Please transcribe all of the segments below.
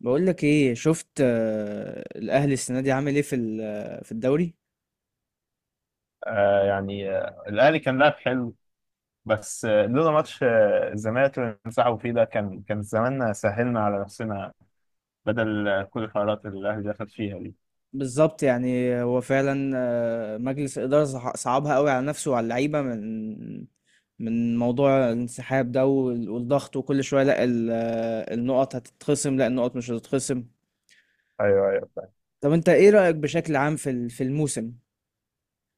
بقول لك ايه؟ شفت، الاهلي السنه دي عامل ايه في في الدوري؟ الاهلي كان لاعب حلو. بس لولا ماتش الزمالك اللي انسحبوا فيه ده كان زماننا سهلنا على نفسنا، بدل كل الحوارات اللي الاهلي دخل فيها دي. بالظبط. يعني هو فعلا، مجلس الاداره صعبها قوي على نفسه وعلى اللعيبه من موضوع الانسحاب ده والضغط. وكل شويه لا النقط هتتخصم، لا النقط مش هتتخصم. ايوه ايوه، فاهم. طب انت ايه رايك بشكل عام في في الموسم؟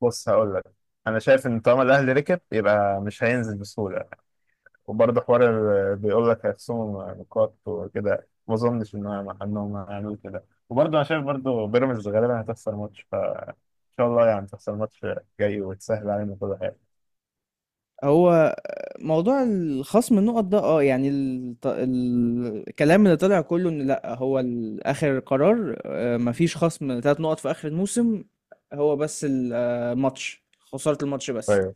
بص هقول لك، انا شايف ان طالما الاهلي ركب يبقى مش هينزل بسهوله. وبرضه حوار بيقول لك هيخصموا نقاط وكده، ما اظنش ان هم انهم هيعملوا كده. وبرضه انا شايف برضه بيراميدز غالبا هتخسر ماتش، فان شاء الله يعني تخسر ماتش جاي وتسهل علينا كل حاجه. هو موضوع الخصم النقط ده، اه يعني الكلام اللي طلع كله، ان لا هو اخر قرار، مفيش خصم 3 نقط في اخر الموسم. هو بس الماتش، خسارة الماتش بس. ايوه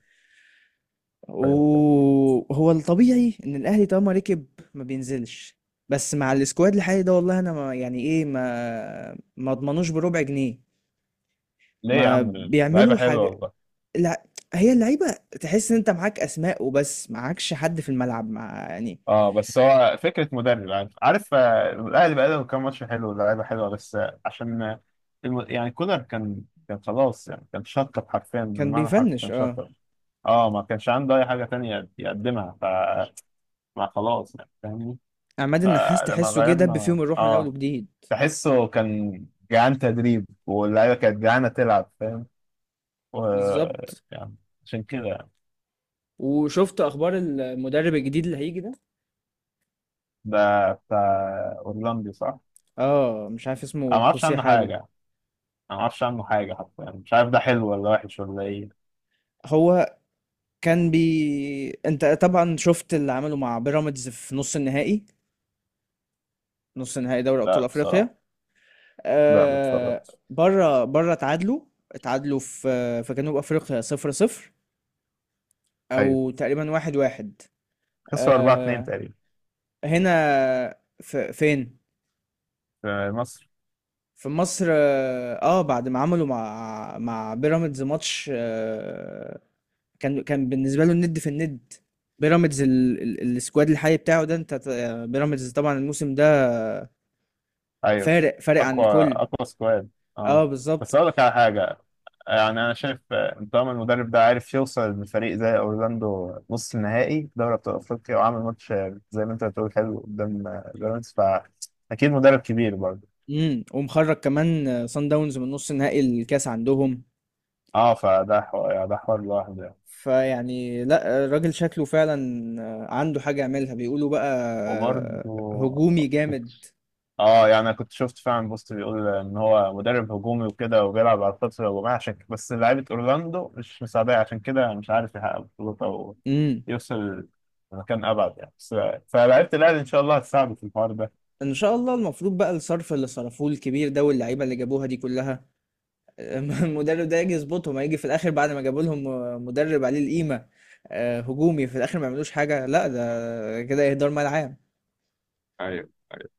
ايوه. وهو الطبيعي ان الاهلي طالما ركب ما بينزلش. بس مع السكواد الحالي ده والله انا ما، يعني ايه، ما اضمنوش بربع جنيه. ليه يا ما عم؟ اللعيبه بيعملوا حلوه حاجة. والله. لأ، هي اللعيبة تحس إن أنت معاك أسماء وبس، معاكش حد في الملعب مع، يعني. اه بس هو فكره مدرب، عارف الاهلي بقى له كام ماتش حلو، اللعيبه حلوه، بس عشان يعني كولر كان، خلاص يعني كان شطب، حرفيا كان بالمعنى الحرفي بيفنِّش. كان شطب. اه ما كانش عنده اي حاجه تانية يقدمها، فما خلاص يعني فاهمني. عماد النحاس فلما تحسّه جه دَب غيرنا، فيهم الروح من أول اه وجديد. تحسه كان جعان تدريب واللعيبه كانت جعانه تلعب، فاهم. و بالضبط. يعني عشان كده يعني. وشُفت أخبار المدرب الجديد اللي هييجي ده؟ ده بتاع اورلاندي صح؟ مش عارف انا اسمه ما اعرفش خوسيه عنه حاجة. حاجه، انا ما اعرفش عنه حاجه حتى، يعني مش عارف ده حلو ولا وحش ولا ايه. هو كان بي، أنت طبعًا شُفت اللي عمله مع بيراميدز في نُص النهائي، نُص نهائي دوري لا أبطال بصراحه أفريقيا. لا ما اتفرجتش. برّه اتعادلوا، اتعادلوا في جنوب أفريقيا 0-0، ايوه أو تقريبًا 1-1. خسروا 4 2 آه، تقريبا. هنا. في فين؟ في مصر. في مصر. بعد ما عملوا مع بيراميدز ماتش، كان بالنسبه له الند في الند. بيراميدز السكواد الحالي بتاعه ده، انت بيراميدز طبعا الموسم ده ايوه. فارق عن اقوى الكل. اقوى سكواد. اه اه بالظبط. بس اقول لك على حاجه، يعني انا شايف طالما المدرب ده عارف يوصل لفريق زي اورلاندو نص النهائي في دوري ابطال افريقيا، وعمل ماتش زي ما انت بتقول حلو قدام بيراميدز، فاكيد مدرب كبير برضه. ومخرج كمان، صن داونز من نص نهائي الكاس عندهم. اه فده حوار، ده حوار لوحده يعني. فيعني لا، الراجل شكله فعلا عنده حاجه يعملها بيقولوا بقى. آه، وبرضه هجومي جامد. اه يعني انا كنت شفت فعلا بوست بيقول ان هو مدرب هجومي وكده، وبيلعب على الخطر الهجومية عشان بس لعيبة اورلاندو مش مساعدة، عشان كده مش عارف يحقق بطولات او امم يوصل لمكان ابعد يعني. بس فلعيبة الاهلي ان شاء الله هتساعده في الحوار ده. ان شاء الله. المفروض بقى الصرف اللي صرفوه الكبير ده واللعيبه اللي جابوها دي كلها المدرب ده يجي يظبطهم، هيجي في الاخر بعد ما جابوا لهم مدرب عليه القيمه، هجومي، في الاخر ما يعملوش حاجه؟ لا ده كده اهدار مال عام. ايوه ايوه.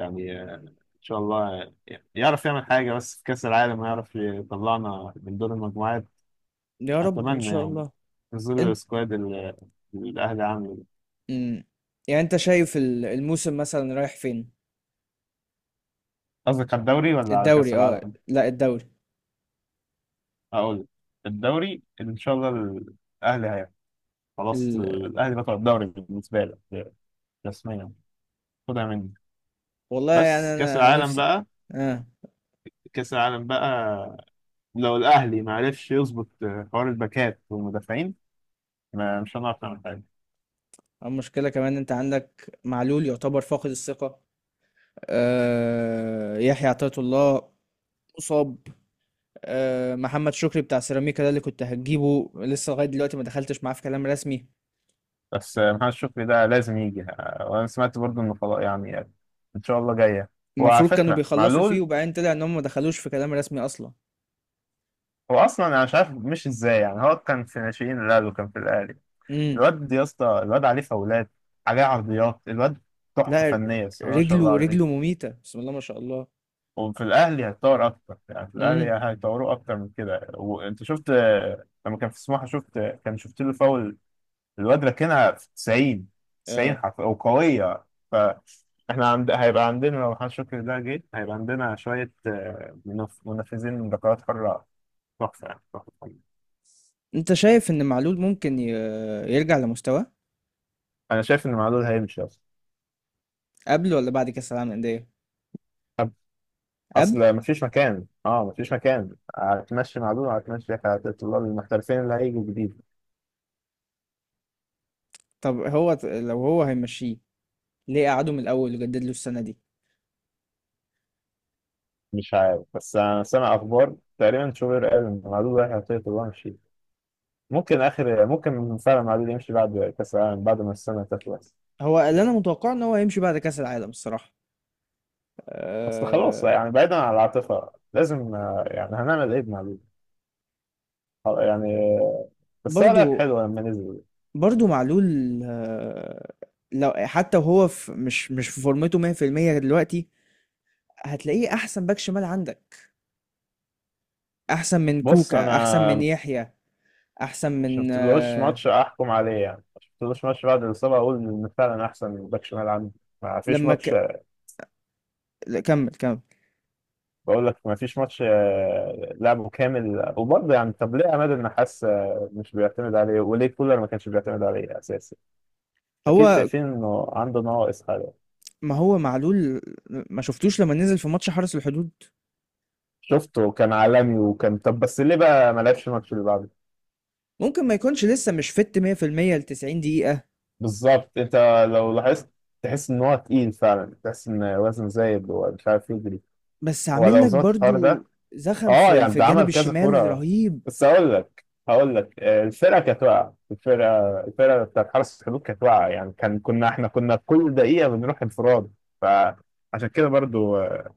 يعني ان شاء الله يعرف يعمل حاجة، بس في كأس العالم يعرف يطلعنا من دور المجموعات. يا رب ان اتمنى شاء يعني، الله. في ظل انت السكواد اللي الاهلي عامله. مم. يعني انت شايف الموسم مثلا رايح فين؟ قصدك على الدوري ولا على كأس الدوري، اه العالم؟ لا الدوري هقول لك. الدوري ان شاء الله الاهلي هياخد، خلاص ال... الاهلي بطل الدوري بالنسبه لك، رسميا، خدها مني. والله يعني بس كاس انا العالم نفسي، بقى، اه. كاس العالم بقى، لو الاهلي ما عرفش يظبط حوار الباكات والمدافعين ما مش هنعرف نعمل حاجه. المشكله كمان، انت عندك معلول يعتبر فاقد الثقه، يحيى عطية الله مصاب، محمد شكري بتاع سيراميكا ده اللي كنت هتجيبه لسه لغاية دلوقتي ما دخلتش معاه في كلام رسمي. بس محمد شكري ده لازم يجي، وانا سمعت برضو انه خلاص يعني ان شاء الله جايه. وعلى المفروض كانوا فكره بيخلصوا فيه معلول وبعدين طلع ان هم ما دخلوش في كلام رسمي اصلا. هو اصلا انا مش عارف مش ازاي، يعني هو كان في ناشئين الاهلي وكان في الاهلي، امم الواد يا اسطى الواد عليه فاولات، عليه عرضيات، الواد تحفة لا فنية الصراحة ما شاء الله رجله عليه. رجله مميتة، بسم الله ما شاء الله. وفي الأهلي هيتطور أكتر، يعني في الأهلي امم هيطوروه أكتر من كده. وأنت شفت لما كان في سموحة، شفت كان شفت له فاول، الواد راكنها في 90، 90 اه حرف وقوية. فإحنا هيبقى عندنا لو محمد شكري ده جه هيبقى عندنا شوية منفذين من ركلات حرة، تحفة يعني تحفة. انت شايف ان معلول ممكن يرجع لمستواه؟ أنا شايف إن معلول هيمشي أصلا، قبل ولا بعد كاس العالم للأندية؟ قبل. اصل مفيش مكان، اه مفيش مكان هتمشي مع دول هتمشي، الطلاب المحترفين اللي هيجوا جديد. طب هو، لو هو هيمشيه ليه قعده من الاول وجدد له السنة دي؟ مش عارف بس انا سامع اخبار تقريبا شوبير قال ان معدود رايح يعطيه طلاب مشي، ممكن اخر ممكن فعلا معدود يمشي بعد كاس العالم بعد ما السنه تخلص. هو اللي انا متوقع ان هو هيمشي بعد كاس العالم الصراحة. اصل خلاص أه. يعني بعيدا عن العاطفه لازم، يعني هنعمل ايه بمعدود؟ آه، يعني آه، بس هو لعب برضو، حلو لما نزل. برضو معلول، آه، لو حتى وهو في، مش في فورمته 100% دلوقتي، هتلاقيه احسن باك شمال عندك. احسن من بص كوكا، انا احسن من يحيى، احسن من شفتلوش ماتش احكم عليه يعني، شفتلوش ماتش بعد الاصابه اقول ان فعلا احسن باك شمال عندي، ما فيش لما ماتش. لا، كمل كمل. بقول لك ما فيش ماتش لعبه كامل، وبرضه يعني طب ليه عماد النحاس مش بيعتمد عليه، وليه كولر ما كانش بيعتمد عليه اساسي؟ اكيد هو شايفين انه عنده نواقص حاجه. ما هو معلول، ما شفتوش لما نزل في ماتش حرس الحدود؟ شفته كان عالمي وكان، طب بس ليه بقى ما لعبش الماتش اللي بعده؟ ممكن ما يكونش لسه مش فت 100% ل 90 دقيقة. بالظبط. انت لو لاحظت تحس ان هو تقيل فعلا، تحس ان وزنه زايد ومش عارف يجري. بس هو عامل لو لك ظبط الحوار ده، برضو زخم اه في يعني ده عمل الجانب كذا الشمال كرة. رهيب. بس هقول لك، الفرقة كانت واقعة، الفرقة بتاعت حرس الحدود كانت واقعة، يعني كنا احنا كنا كل دقيقة بنروح انفراد. فعشان كده برضو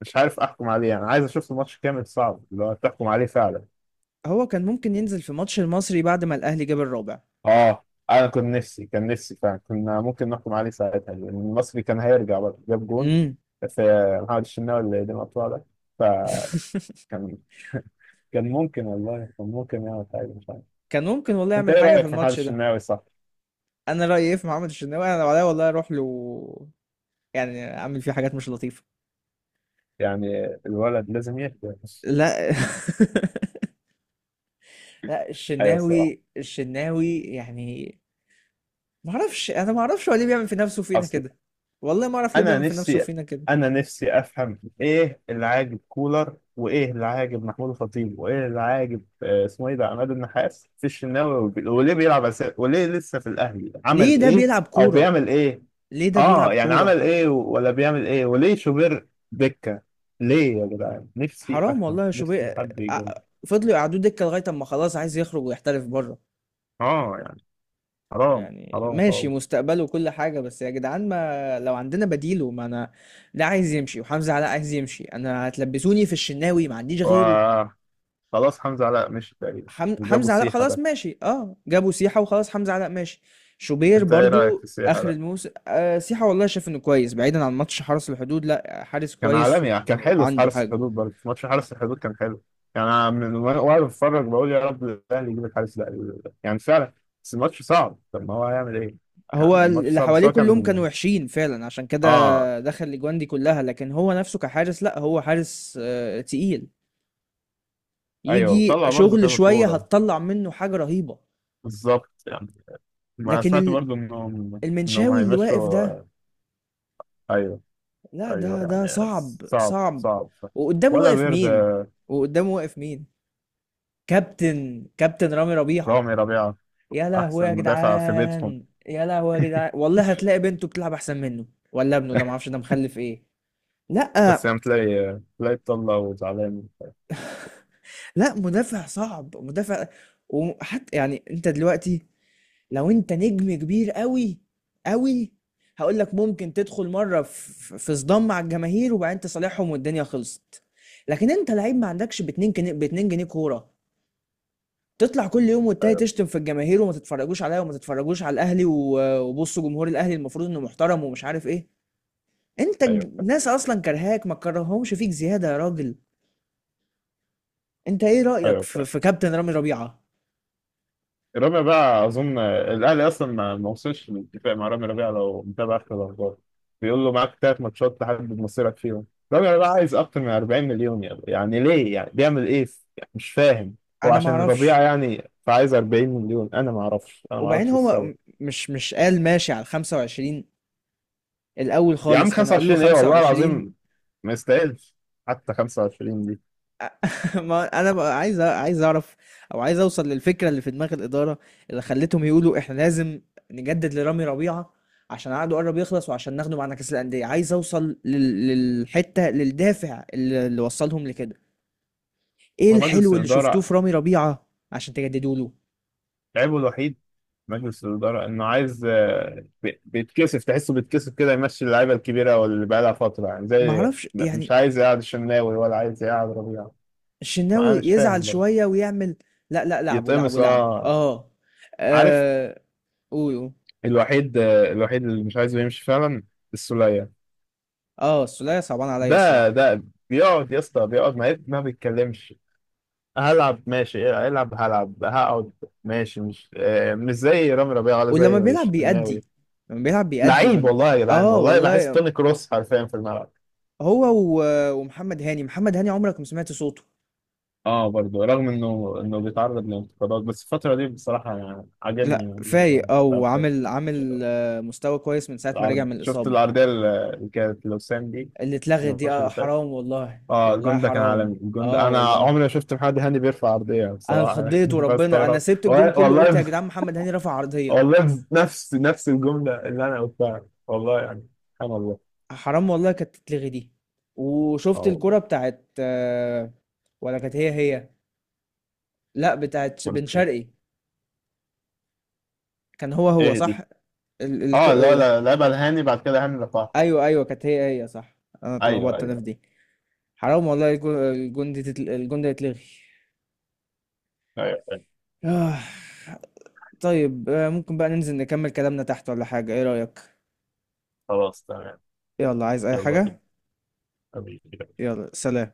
مش عارف احكم عليه يعني، عايز اشوف الماتش كامل، صعب اللي هو تحكم عليه فعلا. هو كان ممكن ينزل في ماتش المصري بعد ما الاهلي جاب الرابع. اه انا كنت نفسي، كان نفسي فعلا كنا ممكن نحكم عليه ساعتها، لان المصري كان هيرجع برضه جاب جون امم في محمد الشناوي اللي قدم القطوع ده. فكان، كان ممكن والله، كان ممكن يعمل حاجة مش عارف. كان ممكن والله انت يعمل ايه حاجة في رايك في محمد الماتش ده. الشناوي صح؟ انا رأيي ايه في محمد الشناوي؟ انا لو عليا والله اروح له، يعني اعمل فيه حاجات مش لطيفة. يعني الولد لازم يهدى. لا لا. ايوه الصراحه. الشناوي يعني. ما اعرفش. انا ما اعرفش هو ليه بيعمل في نفسه فينا اصل كده. والله ما اعرف ليه انا بيعمل في نفسه نفسي، فينا كده. انا نفسي افهم ايه اللي عاجب كولر، وايه اللي عاجب محمود الخطيب، وايه اللي عاجب اسمه ايه ده عماد النحاس في الشناوي، وليه بيلعب اساسي، وليه لسه في الاهلي؟ ليه عمل ده ايه بيلعب او كورة؟ بيعمل ايه؟ ليه ده بيلعب اه يعني كورة؟ عمل ايه ولا بيعمل ايه، وليه شوبير دكه؟ ليه يا جدعان نفسي حرام افهم، والله يا نفسي شوبير. حد يجاوب. فضلوا يقعدوه دكة لغاية اما خلاص عايز يخرج ويحترف بره. اه يعني حرام، يعني حرام ماشي خالص. مستقبله وكل حاجة، بس يا جدعان ما لو عندنا بديله. ما انا ده عايز يمشي، وحمزة علاء عايز يمشي، انا هتلبسوني في الشناوي ما عنديش غيره. و خلاص حمزة علاء مشي تقريبا. وجابوا حمزة علاء السيحة خلاص ده، ماشي. اه جابوا سيحة وخلاص حمزة علاء ماشي. شوبير انت ايه رأيك في برضو السيحة اخر ده؟ الموسم. سيحة والله شايف انه كويس، بعيدا عن ماتش حرس الحدود، لا حارس كان كويس عالمي يعني كان حلو في وعنده حارس حاجة. الحدود، برضه في ماتش حارس الحدود كان حلو. يعني انا من، وأنا بتفرج بقول يا رب الاهلي يجيب الحارس ده، يعني فعلا. بس الماتش صعب، طب ما هو هيعمل ايه؟ يعني هو الماتش اللي صعب بس حواليه هو كلهم كان، كانوا وحشين فعلا، عشان كده اه. دخل الاجوان دي كلها. لكن هو نفسه كحارس، لا هو حارس تقيل، ايوه يجي طلع برضه شغل كذا شوية كورة. هتطلع منه حاجة رهيبة. بالظبط يعني. ما لكن سمعت برضه انهم، انهم المنشاوي اللي واقف هيمشوا. ده، ايوه لا ده ايوه ده يعني صعب صعب صعب. صعب صعب. وقدامه ولا واقف بيرد. مين؟ وقدامه واقف مين؟ كابتن رامي ربيعة. رامي ربيعة. يا لهوي احسن يا مدافع في بيتهم. جدعان، يا لهوي يا جدعان. والله هتلاقي بنته بتلعب احسن منه، ولا ابنه، ده معرفش ده مخلف ايه. لا بس يعني تلاقي، تلاقي بطلة وزعلان. لا، مدافع صعب مدافع. وحتى يعني انت دلوقتي لو انت نجم كبير قوي قوي، هقول لك ممكن تدخل مره في صدام مع الجماهير وبعدين تصالحهم والدنيا خلصت. لكن انت لعيب ما عندكش ب 2 جنيه، ب 2 جنيه كوره، تطلع كل يوم والتاني ايوه تشتم في الجماهير وما تتفرجوش عليا وما تتفرجوش على الاهلي، وبصوا جمهور الاهلي المفروض انه محترم ومش عارف ايه. انت ايوه، فاهم. الناس اصلا كرهاك، ما كرههمش فيك زياده يا راجل. انت ايه رايك ايوه في, فاهم. في كابتن رامي ربيعه؟ رامي بقى اظن الاهلي اصلا ما وصلش للاتفاق مع رامي ربيعه لو متابع اخر الاخبار، بيقول له معاك ثلاث ماتشات تحدد مصيرك فيهم. رامي ربيعه عايز اكتر من 40 مليون، يعني يعني ليه يعني بيعمل ايه؟ يعني مش فاهم. هو انا ما عشان ربيعه اعرفش. يعني فعايز 40 مليون؟ انا ما اعرفش، انا ما وبعدين اعرفش هو، السبب. مش قال ماشي على 25؟ الاول يا عم خالص كانوا قالوا له 25 ايه والله 25. العظيم، ما يستاهلش حتى 25 دي. ما انا بقى عايز عايز اعرف، او عايز اوصل للفكره اللي في دماغ الاداره، اللي خلتهم يقولوا احنا لازم نجدد لرامي ربيعه عشان عقده قرب يخلص وعشان ناخده معانا كاس الانديه. عايز اوصل للحته، للدافع اللي وصلهم لكده. ايه هو مجلس الحلو اللي شفتوه الإدارة، في رامي ربيعه عشان تجددوا له؟ عيبه الوحيد مجلس الإدارة إنه عايز بيتكسف، تحسه بيتكسف كده يمشي اللعيبة الكبيرة واللي بقالها فترة، يعني ما زي اعرفش مش يعني. عايز يقعد الشناوي ولا عايز يقعد ربيع. ما الشناوي أنا مش يزعل فاهم برضه. شويه ويعمل. لا لا، لعبوا لعبوا يتقمص لعبوا أه. اه. عارف، آه، قول قول. الوحيد الوحيد اللي مش عايزه يمشي فعلا السولية. اه السولية صعبان عليا ده الصراحه. ده بيقعد يا اسطى، بيقعد ما بيتكلمش، هلعب ماشي إيه، العب هلعب هقعد ماشي، مش مش زي رامي ربيعة ولا ولما زي بيلعب بيأدي. الشناوي. لما بيلعب بيأدي ما لعيب بي... والله يا جدعان، اه والله بحس والله. توني كروس حرفيا في الملعب. هو ومحمد هاني، محمد هاني عمرك ما سمعت صوته. اه برضه رغم انه بيتعرض لانتقادات، بس الفترة دي بصراحة يعني عجبني، لا يعني برضه فايق، اه بتاع الحلو. وعامل عامل آه، مستوى كويس من ساعة ما رجع العرض، من شفت الإصابة. العرضية اللي كانت لوسام دي؟ اللي اتلغت دي، الماتش اللي فات. حرام والله، اه والله الجون ده كان حرام. عالمي، الجون اه ده انا والله. عمري ما شفت محمد هاني بيرفع عرضية انا بصراحة اتخضيت وربنا، انا بستغرب سبت الجون والله كله قلت يا والله. جدعان محمد هاني رفع عرضية. والله نفس الجملة اللي انا قلتها والله، يعني سبحان الله. حرام والله كانت تتلغي دي. اه وشفت والله. الكرة بتاعت ولا كانت هي هي؟ لا بتاعت كرة بن خير. شرقي. كان هو هو ايه صح؟ دي؟ ال... اه الكو... لا آه، لا لعبها الهاني، بعد كده هاني رفعها. ايوه ايوه. كانت هي هي صح. انا ايوه اتلخبطت انا في ايوه. دي. حرام والله. الجون ده يتلغي. ايوه أيوه. آه. طيب. ممكن بقى ننزل نكمل كلامنا تحت ولا حاجة، ايه رأيك؟ خلاص تمام. يلا عايز اي يلا بينا حاجة. حبيبي. يلا سلام.